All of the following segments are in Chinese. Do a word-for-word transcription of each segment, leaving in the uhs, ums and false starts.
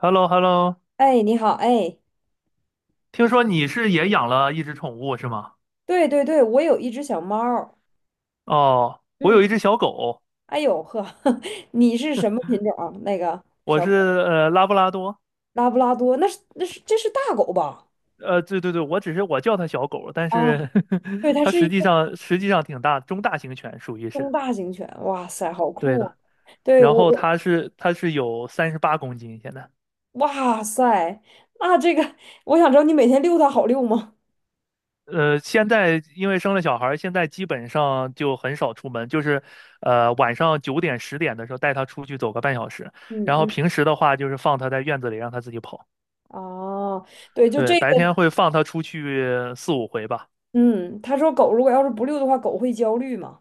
h e l l o h e l l o 哎，你好，哎，听说你是也养了一只宠物是吗？对对对，我有一只小猫儿。哦，我有嗯，一只小狗，哎呦呵，你是什么品种啊那个我小是狗？呃拉布拉多，拉布拉多，那是那是这是大狗吧？呃，对对对，我只是我叫它小狗，但啊，是 对，它它是一实际个上实际上挺大，中大型犬属于是，中大型犬，哇塞，好对酷啊。的。对然我后我，它是它是有三十八公斤现在，哇塞，那这个我想知道你每天遛它好遛吗？呃，现在因为生了小孩儿，现在基本上就很少出门，就是呃晚上九点十点的时候带它出去走个半小时，嗯然后嗯，平时的话就是放它在院子里让它自己跑。哦，对，就对，这个。白天会放它出去四五回吧，嗯，他说狗如果要是不遛的话，狗会焦虑嘛。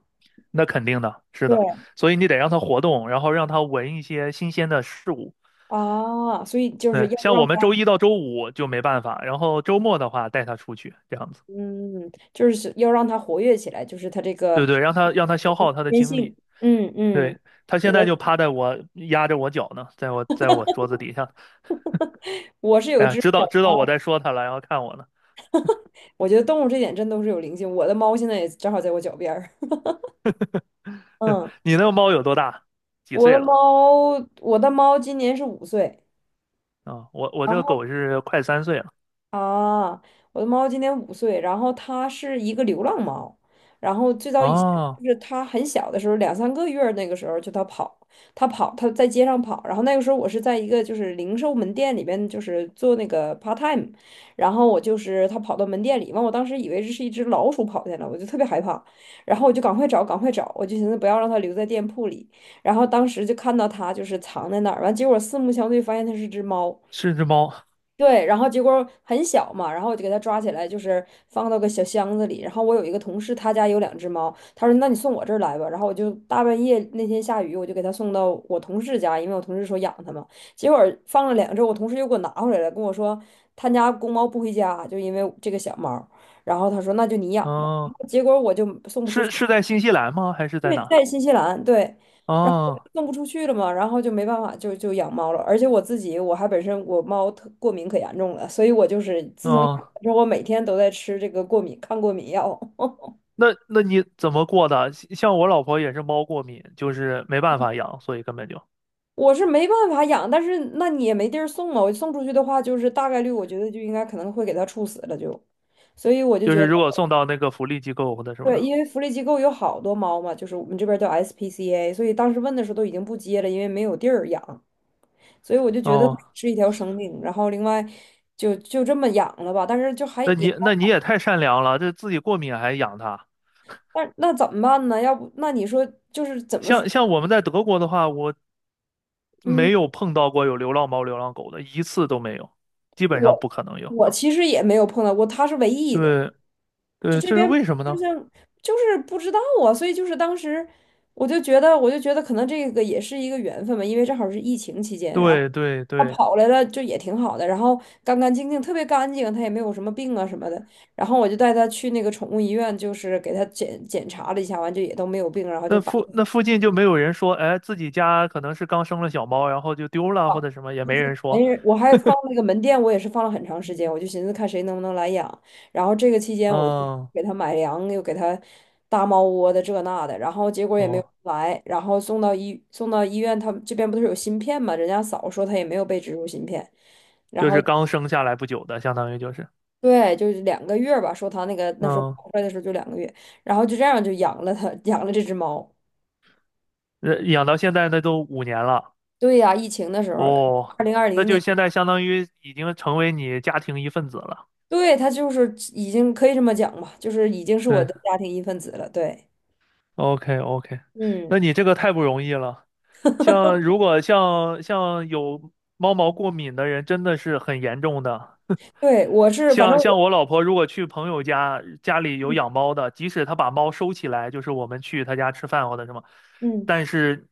那肯定的，是的，对所以你得让它活动，然后让它闻一些新鲜的事物。啊，所以就是对，要像让。我们周一到周五就没办法，然后周末的话带它出去，这样子，嗯，就是要让它活跃起来，就是它这个对对，让它让它消耗它的天精性。力。嗯嗯，对，它现在我就趴在我压着我脚呢，在我在我桌子底下，我是有哎呀，只知小道知道我猫。在说它了，然后看我呢。我觉得动物这点真都是有灵性。我的猫现在也正好在我脚边儿。嗯，你那个猫有多大？几我岁的了？猫，我的猫今年是五岁。啊、我我然这个后。狗是快三岁了。啊，我的猫今年五岁，然后它是一个流浪猫。然后最早以前哦，就是它很小的时候，两三个月儿那个时候就它跑，它跑，它在街上跑，然后那个时候我是在一个就是零售门店里边就是做那个 part time。然后我就是它跑到门店里，完我当时以为这是一只老鼠跑进来，我就特别害怕。然后我就赶快找，赶快找，我就寻思不要让它留在店铺里。然后当时就看到它就是藏在那儿，完结果四目相对发现它是只猫。是只猫。对，然后结果很小嘛，然后我就给它抓起来，就是放到个小箱子里。然后我有一个同事，他家有两只猫，他说："那你送我这儿来吧。"然后我就大半夜那天下雨，我就给他送到我同事家，因为我同事说养它嘛。结果放了两周，我同事又给我拿回来了，跟我说他家公猫不回家，就因为这个小猫。然后他说："那就你养吧。"哦，结果我就送不出是去。是在新西兰吗？还是在对，哪？在新西兰，对。然后哦送不出去了嘛，然后就没办法，就就养猫了。而且我自己，我还本身我猫特过敏可严重了，所以我就是自从养哦，了之后，我每天都在吃这个过敏抗过敏药。那那你怎么过的？像像我老婆也是猫过敏，就是没办法养，所以根本就我是没办法养，但是那你也没地儿送啊。我送出去的话，就是大概率我觉得就应该可能会给它处死了就。所以我就就觉是得，如果送到那个福利机构或者什么对，的。因为福利机构有好多猫嘛，就是我们这边叫 S P C A，所以当时问的时候都已经不接了，因为没有地儿养。所以我就觉得哦，是一条生命，然后另外就就这么养了吧，但是就还那也。你那你也太善良了，这自己过敏还养它。但那怎么办呢？要不那你说就是怎么说？像像我们在德国的话，我嗯，没有碰到过有流浪猫、流浪狗的，一次都没有，基本上不我可能有。我其实也没有碰到过，他是唯一一个。对就对，这这是边，为什么就呢？像，就是不知道。啊，所以就是当时我就觉得，我就觉得可能这个也是一个缘分吧。因为正好是疫情期间，然后对对他对，跑来了就也挺好的。然后干干净净，特别干净，他也没有什么病啊什么的。然后我就带他去那个宠物医院，就是给他检检查了一下，完就也都没有病，然后就那把。附那附近就没有人说，哎，自己家可能是刚生了小猫，然后就丢了或好，者什么，也没人没说。人，我还放那个门店，我也是放了很长时间，我就寻思看谁能不能来养。然后这个期间，我就嗯，给他买粮，又给他搭猫窝的这那的，然后结果也没有哦，来。然后送到医送到医院，他们这边不是有芯片嘛？人家嫂说他也没有被植入芯片。然就后是刚生下来不久的，相当于就是，对，就是两个月吧，说他那个那时候嗯，跑出来的时候就两个月。然后就这样就养了他，养了这只猫。呃养到现在那都五年了。对呀、疫情的时候，哦，二零二那零就年。现在相当于已经成为你家庭一份子了。对，他就是已经可以这么讲吧，就是已经是我对的家庭一份子了。对，，OK OK，嗯，那你这个太不容易了。像如果像像有猫毛过敏的人，真的是很严重的。对，我是，反正像像我，我老婆如果去朋友家，家里有嗯养猫的，即使她把猫收起来，就是我们去她家吃饭或者什么，嗯。但是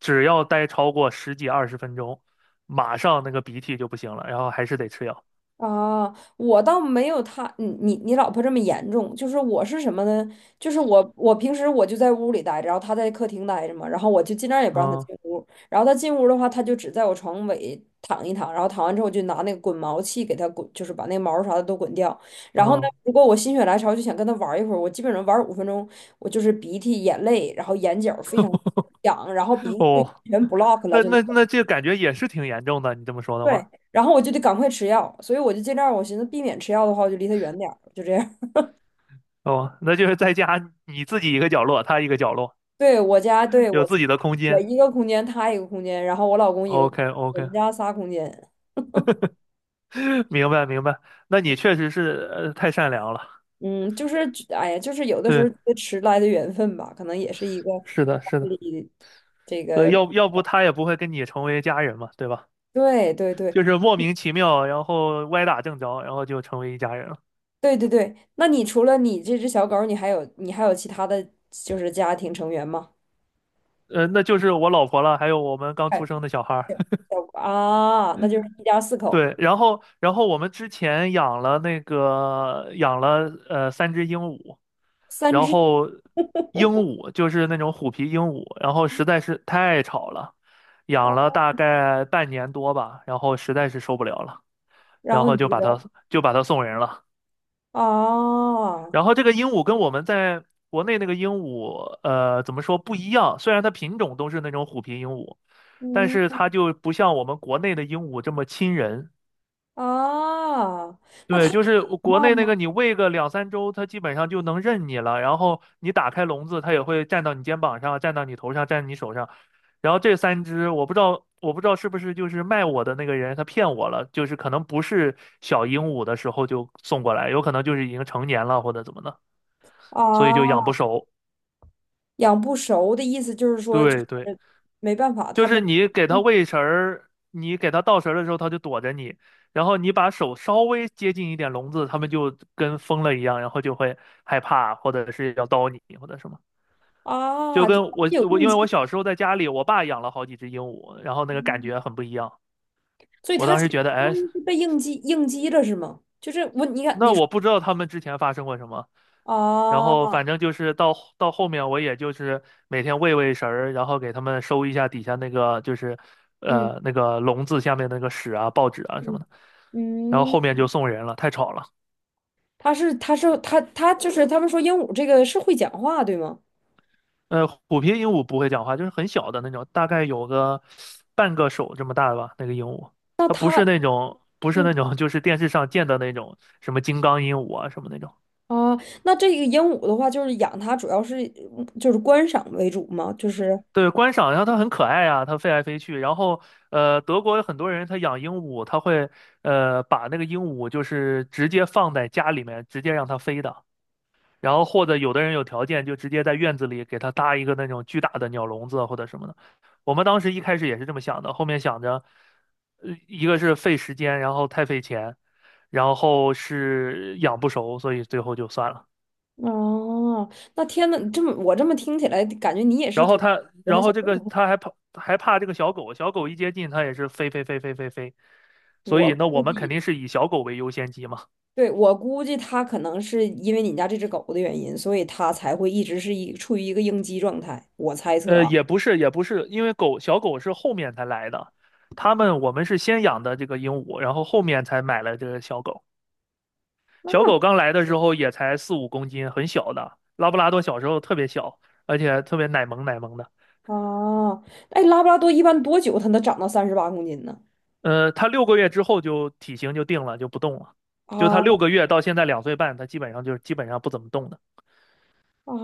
只要待超过十几二十分钟，马上那个鼻涕就不行了，然后还是得吃药。啊，我倒没有他，你你你老婆这么严重。就是我是什么呢？就是我我平时我就在屋里待着，然后她在客厅待着嘛，然后我就尽量也不让她嗯进屋。然后她进屋的话，她就只在我床尾躺一躺，然后躺完之后我就拿那个滚毛器给她滚，就是把那个毛啥的都滚掉。然后呢，嗯，如果我心血来潮就想跟她玩一会儿，我基本上玩五分钟，我就是鼻涕、眼泪，然后眼角非常痒，然后鼻子就哦，全 block 了，那就。那那这感觉也是挺严重的，你这么说的对，话，然后我就得赶快吃药，所以我就尽量，我寻思避免吃药的话，我就离他远点儿，就这样。哦，那就是在家你自己一个角落，他一个角落，对，我家，对，有我自自己的空我间。一个空间，他一个空间，然后我老公一个空 OK 间，我 OK，们家仨空间。明白明白，那你确实是呃太善良了，嗯，就是，哎呀，就是有的时候对，觉得迟来的缘分吧，可能也是一个是的家是的。里这所以个，要要不他也不会跟你成为家人嘛，对吧？对对对就是莫名其妙，然后歪打正着，然后就成为一家人了。对对对。那你除了你这只小狗儿你还有你还有其他的就是家庭成员吗？呃，那就是我老婆了，还有我们刚出哎，生的小孩儿。小啊，那就是一家四口，对，然后然后我们之前养了那个养了呃三只鹦鹉，三然只后鹦鹉就是那种虎皮鹦鹉，然后实在是太吵了，啊，养了大概半年多吧，然后实在是受不了了，然然后后你给就把它。它就把它送人了。哦，然后这个鹦鹉跟我们在国内那个鹦鹉，呃，怎么说不一样？虽然它品种都是那种虎皮鹦鹉，但是嗯，它就不像我们国内的鹦鹉这么亲人。哦，那他对，就是讲国话内那吗？个你喂个两三周，它基本上就能认你了。然后你打开笼子，它也会站到你肩膀上，站到你头上，站你手上。然后这三只，我不知道，我不知道是不是就是卖我的那个人他骗我了，就是可能不是小鹦鹉的时候就送过来，有可能就是已经成年了或者怎么的，所以就养哦，不熟。养不熟的意思就是说，就对对，是没办法，他就没。是你给它喂食儿，你给它倒食儿的时候，它就躲着你，然后你把手稍微接近一点笼子，它们就跟疯了一样，然后就会害怕，或者是要叨你，或者什么。就啊，就跟他我有我应因为我激。小时候在家里，我爸养了好几只鹦鹉，然后那个感嗯，觉很不一样。所以我它当其时实觉得，相哎，当于是被应激应激了，是吗？就是我，你看那你说。我不知道它们之前发生过什么，然后啊，反正就是到到后面，我也就是每天喂喂食儿，然后给他们收一下底下那个就是嗯呃那个笼子下面那个屎啊、报纸啊什嗯么的。然后嗯，后面就送人了，太吵了。他是他是他他就是他们说鹦鹉这个是会讲话，对吗？呃，虎皮鹦鹉不会讲话，就是很小的那种，大概有个半个手这么大吧，那个鹦鹉。那它不是他，那种，不是嗯。那种，就是电视上见的那种什么金刚鹦鹉啊什么那种。啊，那这个鹦鹉的话，就是养它主要是，嗯就是观赏为主吗？就是。对，观赏，然后它很可爱啊，它飞来飞去。然后，呃，德国有很多人他养鹦鹉，他会呃把那个鹦鹉就是直接放在家里面，直接让它飞的。然后或者有的人有条件，就直接在院子里给它搭一个那种巨大的鸟笼子或者什么的。我们当时一开始也是这么想的，后面想着，呃，一个是费时间，然后太费钱，然后是养不熟，所以最后就算了。哦，那天呐，这么我这么听起来，感觉你也是然后特别他，喜欢然小后这动个物。他还怕还怕这个小狗，小狗一接近它也是飞飞飞飞飞飞，所以我那我估们肯定计，是以小狗为优先级嘛。对，我估计它可能是因为你家这只狗的原因，所以它才会一直是一处于一个应激状态。我猜测呃，啊，也不是也不是，因为狗小狗是后面才来的，他们我们是先养的这个鹦鹉，然后后面才买了这个小狗。那，小狗刚来的时候也才四五公斤，很小的。拉布拉多小时候特别小，而且特别奶萌奶萌的。啊，哦。哎，拉布拉多一般多久它能长到三十八公斤呢？呃，它六个月之后就体型就定了，就不动了。啊，就它六个月到现在两岁半，它基本上就是基本上不怎么动的。啊，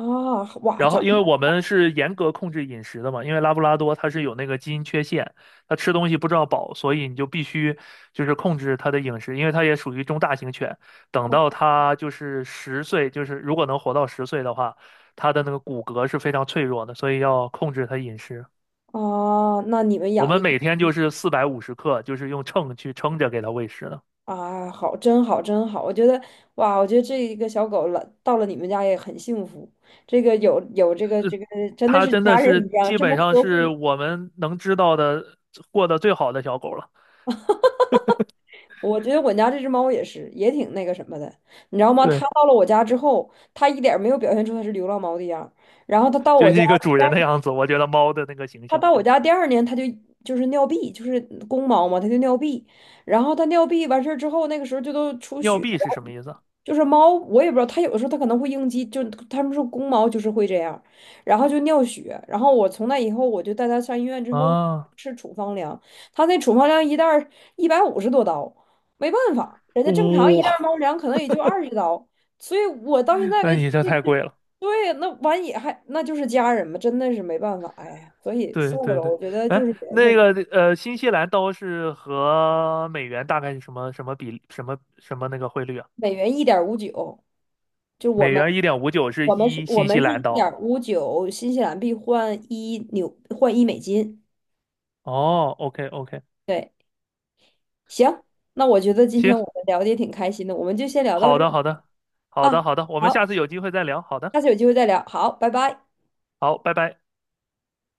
哇，然后，长，因为我们是严格控制饮食的嘛，因为拉布拉多它是有那个基因缺陷，它吃东西不知道饱，所以你就必须就是控制它的饮食，因为它也属于中大型犬。等到它就是十岁，就是如果能活到十岁的话，它的那个骨骼是非常脆弱的，所以要控制它饮食。啊，那你们我养们的？每天就是四百五十克，就是用秤去称着给它喂食的。啊，好，真好，真好！我觉得，哇，我觉得这一个小狗了，到了你们家也很幸福。这个有有这个这个，真的它是真家的人一是样，基这么本上呵是护。我们能知道的过得最好的小狗了。我觉得我家这只猫也是，也挺那个什么的，你知道吗？它对。到了我家之后，它一点儿没有表现出它是流浪猫的样儿。然后它到就我是家一个主第人二，的样子。我觉得猫的那个形它象，到我家第二年，它就就是尿闭，就是公猫嘛，它就尿闭。然后它尿闭完事儿之后，那个时候就都出尿血。币是什么意思啊？就是猫，我也不知道，它有的时候它可能会应激，就它们说公猫就是会这样，然后就尿血，然后我从那以后我就带它上医院之后啊，吃处方粮，它那处方粮一袋一百五十多刀，没办法，人家正常一袋哇，猫粮可能也就二十刀，所以我到现 在那为你这太止，贵了。对，那完也还那就是家人嘛，真的是没办法，哎呀，所以对算了对吧，对，我觉得就哎，是缘那分，个呃，新西兰刀是和美元大概是什么什么比什么什么那个汇率啊？每元一点五九，就我美们，元一点五九是我们是一我新西们是兰一刀。点五九新西兰币换一纽换一美金。哦，OK OK，对，行，那我觉得今行，天我们聊的也挺开心的，我们就先聊到好这儿的好的，好啊。的好的，我们下好，次有机会再聊。好的，下次有机会再聊。好，拜拜。好，拜拜。